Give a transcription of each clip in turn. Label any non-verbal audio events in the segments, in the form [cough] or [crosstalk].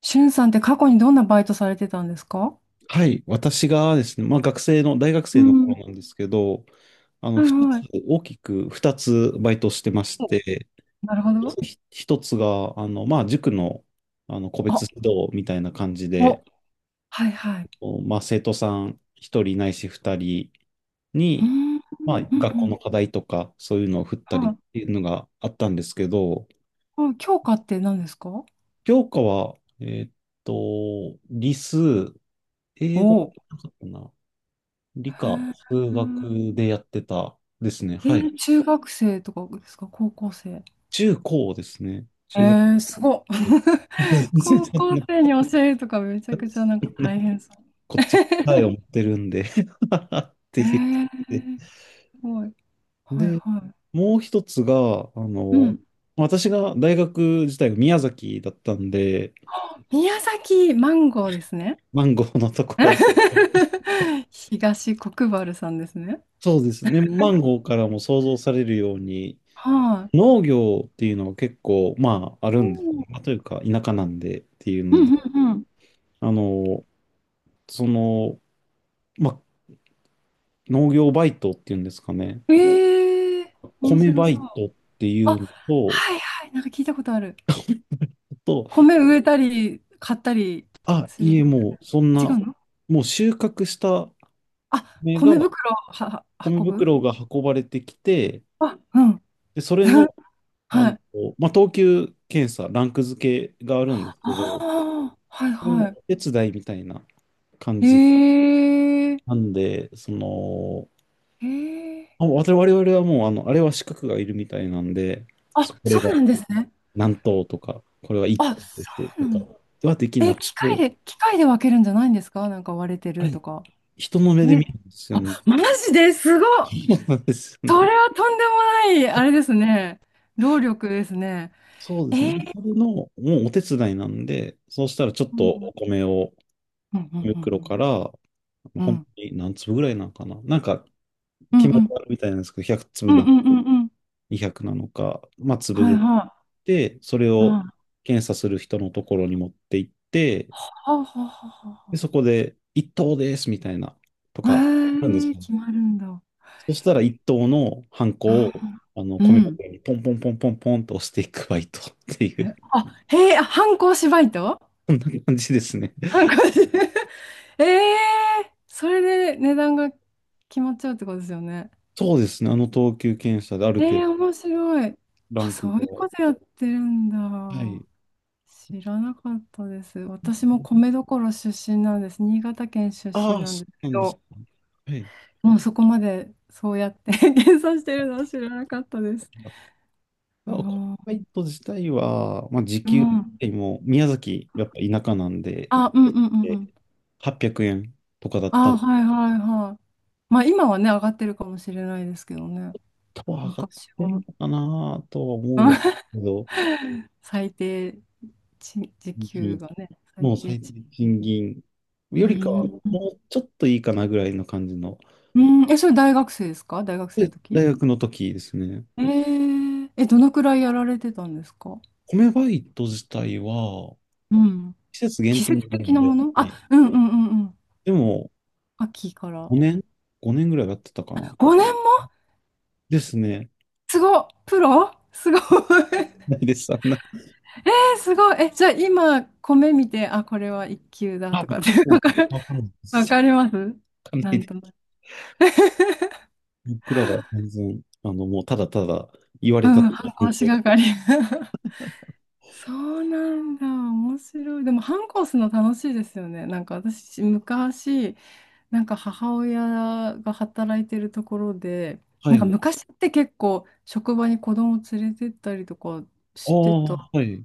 しゅんさんって過去にどんなバイトされてたんですか？はい、私がですね、まあ、学生の、大学う生のん。頃なんですけど、あの、はい二つ、はい。大きく2つバイトしてましお、て、なるほど。1つが、まあ、塾の、個別あ、指導みたいな感じお、で、はいはい。おまあ、生徒さん1人ないし2人うーに、ん、うんまあ、う学校ん。の課題とか、そういうのを振ったりはっい。ていうのがあったんですけど、あ、教科って何ですか？お、教科は、理数、英語はおー。なかったな。理科、へ数ー、学でやってたですね。えはい。ー、中学生とかですか？高校生？中高ですね。え中学ー、すごっ。で。[laughs] いや、全 [laughs] 然高そん校な、生に教えるとかめちゃくちゃなんかそんな大変そう。こっちは答えを持 [laughs] ってるんで [laughs] ってえ言って。ー、すごい。はいで、はもう一つが、い。うん。私が大学自体が宮崎だったんで、宮崎マンゴーですね。マンゴーのところ、[laughs] 東国原さんですね。そうですね。マンゴーからも想像されるように、はい。農業っていうのは結構、まあ、あるおんですよー、ね。まあというか、田舎なんでっていううので、んうんあの、その、まあ、農業バイトっていうんですかね。うん。ええー、面米白バそイう。トっていあ、うのと、はいはい、なんか聞いたことある。と、米植えたり、買ったりあ、するんいでえ、すよもね。うそんあ、違な、うの？もう収穫したあ、米が、米袋をは、は米運ぶ、袋が運ばれてきて、あ、うん。で、それの、[laughs] あはの、い。等級検査、ランク付けがあるんですあけど、あ、はいそれのはい。お手伝いみたいな感えじえー、なんで、ええー。あ、我々はもう、あれは資格がいるみたいなんで、そあ、これそがうなんですね。何頭とか、これは一あ、そ頭ですうとなかんはできだ。え、なく機械て、で、機械で分けるんじゃないんですか？なんか割れてあるれ、とか。人の目で見るね、んですよあ、ね。マジですごっ。そうなんですよそれね。はとんでもない、あれですね。労力ですね。そうでえすね。ー、それの、もうお手伝いなんで、そうしたらちょっうとおん米を、うんう米袋んから、うんう本ん当に何粒ぐらいなのかな。なんか、うん決まうりんがあるみたいなんですけど、100粒うんうな、んうんうん、200なのか、まあ、粒はぐいらいはで、それい、はい、をは検査する人のところに持って行って、あはあで、はそこで、一等ですみたいな、とあはあ、か、なんですへえ、よね。決まるんだ。そしたら一等のハンコを、う米ん、袋にポンポンポンポンポンと押していくバイトっていう、え、あ、へえ、あ、反抗しバイト。 [laughs] こんな感じですね。反抗し。 [laughs] ええ、それで値段が決まっちゃうってことですよね？そうですね。あの等級検査であるえ程ー、度面白い。ラあ、ンそクういうが。ことやってるんはい。だ。知らなかったです。私も米どころ出身なんです。新潟県出あ身あ、なんそですうけなんですど、ね。はい。もうそこまでそうやって [laughs] 計算してるのは知らなかったです。あ、あこのー、バイト自体は、まあ、時う給ん。でも、宮崎、やっぱ田舎なんで、あ、うんうんうんうえん。800円とかだったんあ、で、はいはいはい。まあ今はね、上がってるかもしれないですけどね。多分上がっ昔ては。るのかなとは思うんです [laughs] けど、最低賃、時給がね、最もう低最賃低賃金よりかは、金。もうん。うちょっといいかなぐらいの感じの。うん、え、それ大学生ですか？大学生ので、時？大学の時ですね。えー、え、どのくらいやられてたんですか？米バイト自体は、うん。季節限季定節になる的のなで、やっもの、ぱあ、り。うんうんうんうん。でも、秋から。5年 ?5 年ぐらいやってたかな。5年も？ですね。すごっ、プロすごい。[laughs] ないです。あんな、え、すごい。え、じゃあ今、米見て、あ、これは一級だあ、とかっ僕てらわも、かる、わかんないで [laughs] わす。かります、わかんなないんでとなす。く。[laughs] 僕らは全然、もうただただ言わうれたとん、お反り。抗しがかり。[laughs] そうなんだ。面白い。でも反抗するの楽しいですよね。なんか私、昔、なんか母親が働いてるところで、はなんかい。昔って結構職場に子供連れてったりとかあしてたあ、はい。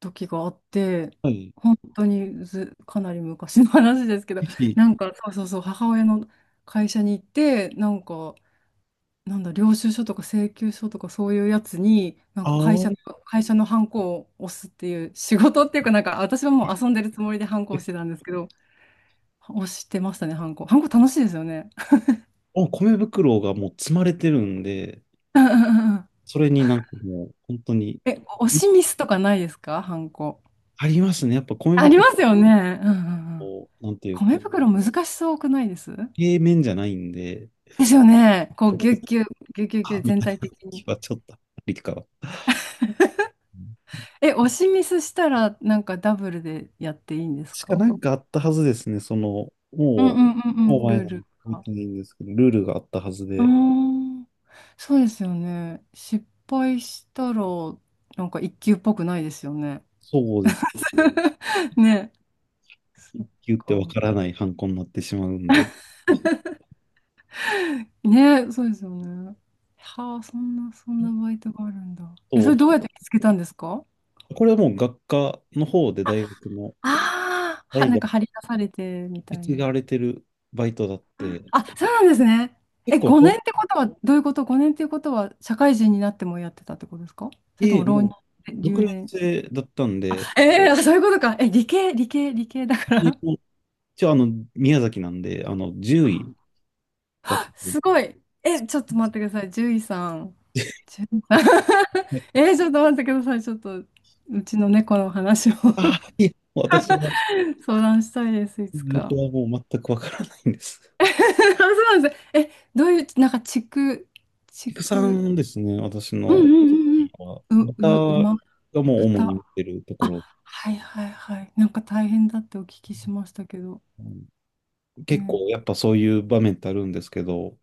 時があって、はい。本当にず、かなり昔の話ですけど、ぜひ。なんかそうそうそう、母親の会社に行って、なんか、なんだ、領収書とか請求書とかそういうやつに、なんあか会あ、社の、会社のハンコを押すっていう仕事っていうか、なんか私はもう遊んでるつもりでハンコをで、してたんですけど、押してましたね、ハンコ。ハンコ楽しいですよね。あ、米袋がもう積まれてるんで、うんうんうんうん。それになんかもう、本当に、え、押しミスとかないですか？ハンコ。ありますね。やっぱ米あり袋ますよね。うんうんうん。も、なんていうか、米袋難しそうくないです？平面じゃないんで、ですよね。こう、ぎゅっぎゅっ、ぎゅっぎゅっぎゅあっ、み全たいな体的気に。はちょっとありかは。え、押しミスしたら、なんかダブルでやっていいんですしかか？なんかあったはずですね。その、うんうんうんうもん。う前ルーなルの覚えが。てないんですけど、ルールがあったはずうーで、ん。そうですよね。失敗したら、なんか一級っぽくないですよね。そうです。[laughs] ね。そっ一級ってか。わからないハンコになってしまうんで、ね、そうですよね。はあ、そんな、そんなバイトがあるんだ。え、そそれどうやっう、て見つけたんですか？これはもう学科の方で大学のああー、は、代な々んか受張り出されてみけたい継な。がれてるバイトだって、あ、そうなんですね。結え、構小5年ってことは、どういうこと？ 5 年っていうことは、社会人になってもやってたってことですか？それとええ、も浪もう、人、6留年年？生だったんあ、で、えー、そういうことか。え、理系、理系、理系だかえっら。と一応、宮崎なんで、10位だった [laughs] んで。すごい。え、ちょっと待ってください。獣医さん。獣医さん。 [laughs] えー、ちょっと待ってください。ちょっと、うちの猫の話をああ、いえ、私は、相談したいです、いつか。僕はもう全くわからないんです。[laughs] あ、そうなんです。え、どういう、なんか、地区、地ピクさ区、んですね、私うのんうんは、うんう歌ん。う、う、馬、がもう主豚。に見てるところ、あ、はいはいはい。なんか大変だってお聞きしましたけど。うん。結ね。構やっぱそういう場面ってあるんですけど、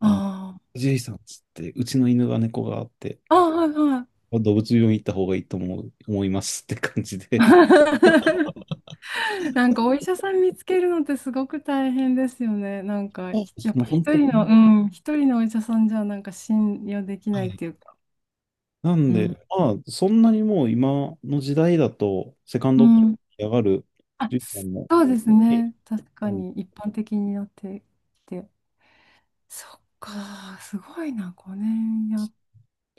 あ、ジェさんっつって、うちの犬が猫があって、あ。ああ、はいはい。動物病院行った方がいいと思う、思いますって感じで、[laughs] なんかお医者さん見つけるのってすごく大変ですよね。なんか、あひ、やっそのぱ本一当、は人の、うん、一人のお医者さんじゃなんか信用できないっていい。うか。なんうで、ん。まあ、そんなにもう今の時代だと、セカンうドポインん、トに上がるあ、ジュリさんも、そうですえ、ね。確かうんに一般的になってきて。そっか、すごいな、5年やっ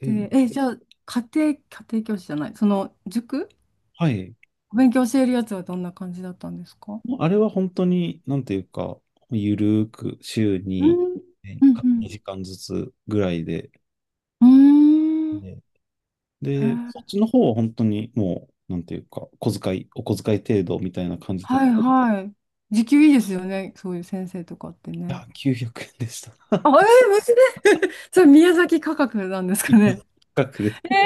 で、て。え、じゃあ、家庭、家庭教師じゃない、その塾、はい。お勉強教えるやつはどんな感じだったんですか？もうあれは本当に、なんていうか、ゆるーく週うにんねうん2時間ずつぐらいで、うん。うーん。へね。で、そっー、ちの方は本当にもう、なんていうか、小遣い、お小遣い程度みたいな感じだっはた。いいはい。[laughs] 時給いいですよね、そういう先生とかってね。や、900円でした。あ、えー、無事で、 [laughs] それ宮崎価格なんですか今のね。価格えで。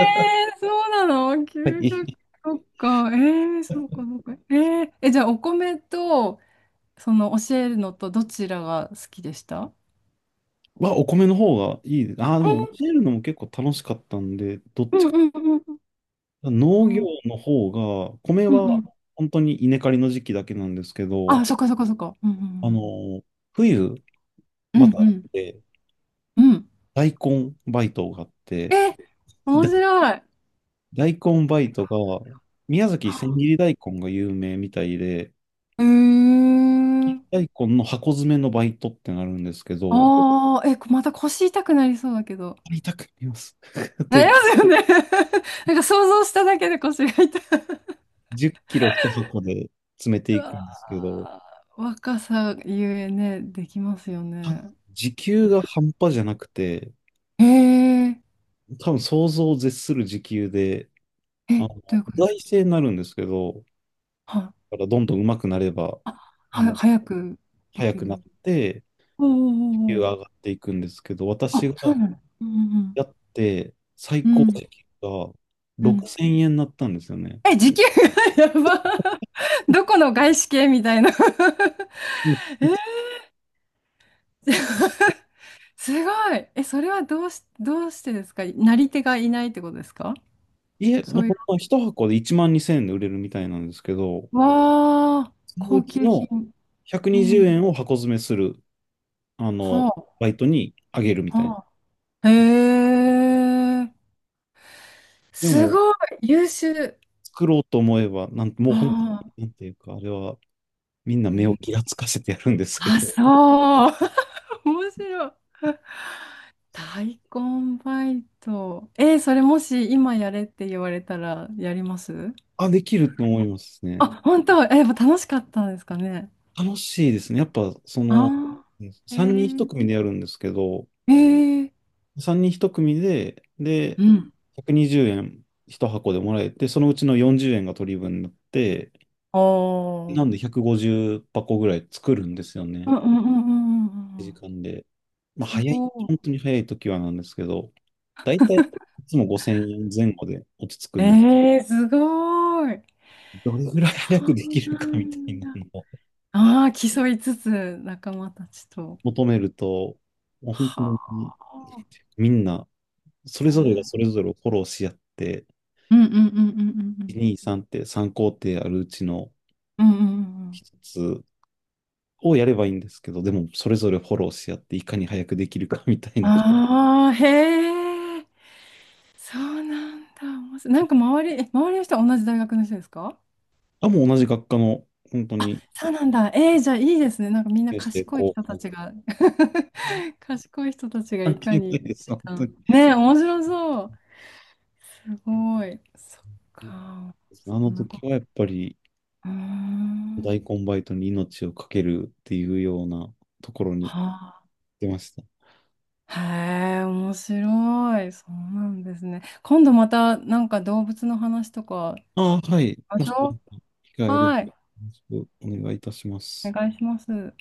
ー、そうなの？ は 900？ い。そっか。えー、そうか、そうか。えー、え、じゃあ、お米と、その、教えるのと、どちらが好きでした？は、お米の方がいいです。ああ、でも教えるのも結構楽しかったんで、どっうちんかうんうんう農業んの方が、米うんはうん。本当に稲刈りの時期だけなんですけど、あ、そっかそっかそっか。うあんの、冬、うんうまん。た、うんうん。うん、大根バイトがあって、え、面だ白い。大根バイトが、宮崎千切り大根が有名みたいで、うーん、大根の箱詰めのバイトってなるんですけど、ああ、え、また腰痛くなりそうだけど。買いたくなります。[laughs] といなりうますよね。[laughs] なんか想像しただけで腰が痛い。10キロ1箱で詰めてういくわんですけど、ー、若さゆえね、できますよたね。時給が半端じゃなくて、ええ、多分想像を絶する時給で、あえ、の、どういう意ことです外か？性になるんですけど、はい。だからどんどん上手くなれば、あ、あは、の、早くで速きくなっる。て、おお時給おお。が上がっていくんですけど、私あ、がそうなの。うんやって最うん高うん。うん、時給が6000円になったんですよね。え、時給が、 [laughs] やば。[laughs] どこの外資系みたいな。 うん。 [laughs] え、すごい。え、それはどうし、どうしてですか？なり手がいないってことですか？家、ほそんういう。ま一箱で1万2000円で売れるみたいなんですけど、わあ、そのう高ち級の品。う120ん。円を箱詰めする、あの、はあ。バイトにあげるみたいな。はあ、へえ、ですも、ごい、優秀。作ろうと思えば、なん、もう本当に、あなんていうか、あれは、みんなー、へ目をー、ギラつかせてやるんですけど、あ、そう。[laughs] 面白い。大根バイト。えー、それもし今やれって言われたらやります？あ、できると思いますあ、ね。本当、えー、やっぱ楽しかったんですかね。楽しいですね。やっぱ、ああ、え3人ー、1組でやるんですけど、えー、3人1組で、で、うん。120円1箱でもらえて、そのうちの40円が取り分になって、おなんでー。150箱ぐらい作るんですようね。んうんうんうんうんうんう時ん。間で。まあ、す早い、ご本当に早い時はなんですけど、だいたいいつも5000円前後で落ち着くい。んです。えー、すごい。どれぐらいそ早くできうるなかみたいんなのだ。をああ、競いつつ仲間たちと。求めると、もう本当はにみんな、それぞれがそあ。れぞれをフォローし合って、うんうんうん1、う2、3って3工程あるうちのんうんうん。うんうんうん、一つをやればいいんですけど、でもそれぞれフォローし合って、いかに早くできるかみたいな。ああ、へえ。そうなんだ。面白い。なんか周り、え、周りの人は同じ大学の人ですか？あ、もう同じ学科の、本当あ、に、そうなんだ。えー、じゃあいいですね。なんかみんな先生賢い後人た輩ちとが、 か、[laughs] 賢い人たちがい関か係なに。いです、本う当ん、に。ねえ、面白そう。すごい。そっか。あそのんなこ時と。はやっぱり、うーん。大根バイトに命をかけるっていうようなところには、出ました。へえ、面白い。そうなんですね。今度またなんか動物の話とかしああ、はい。まもししょう。機会ある。はい。お願いいたしまおす。願いします。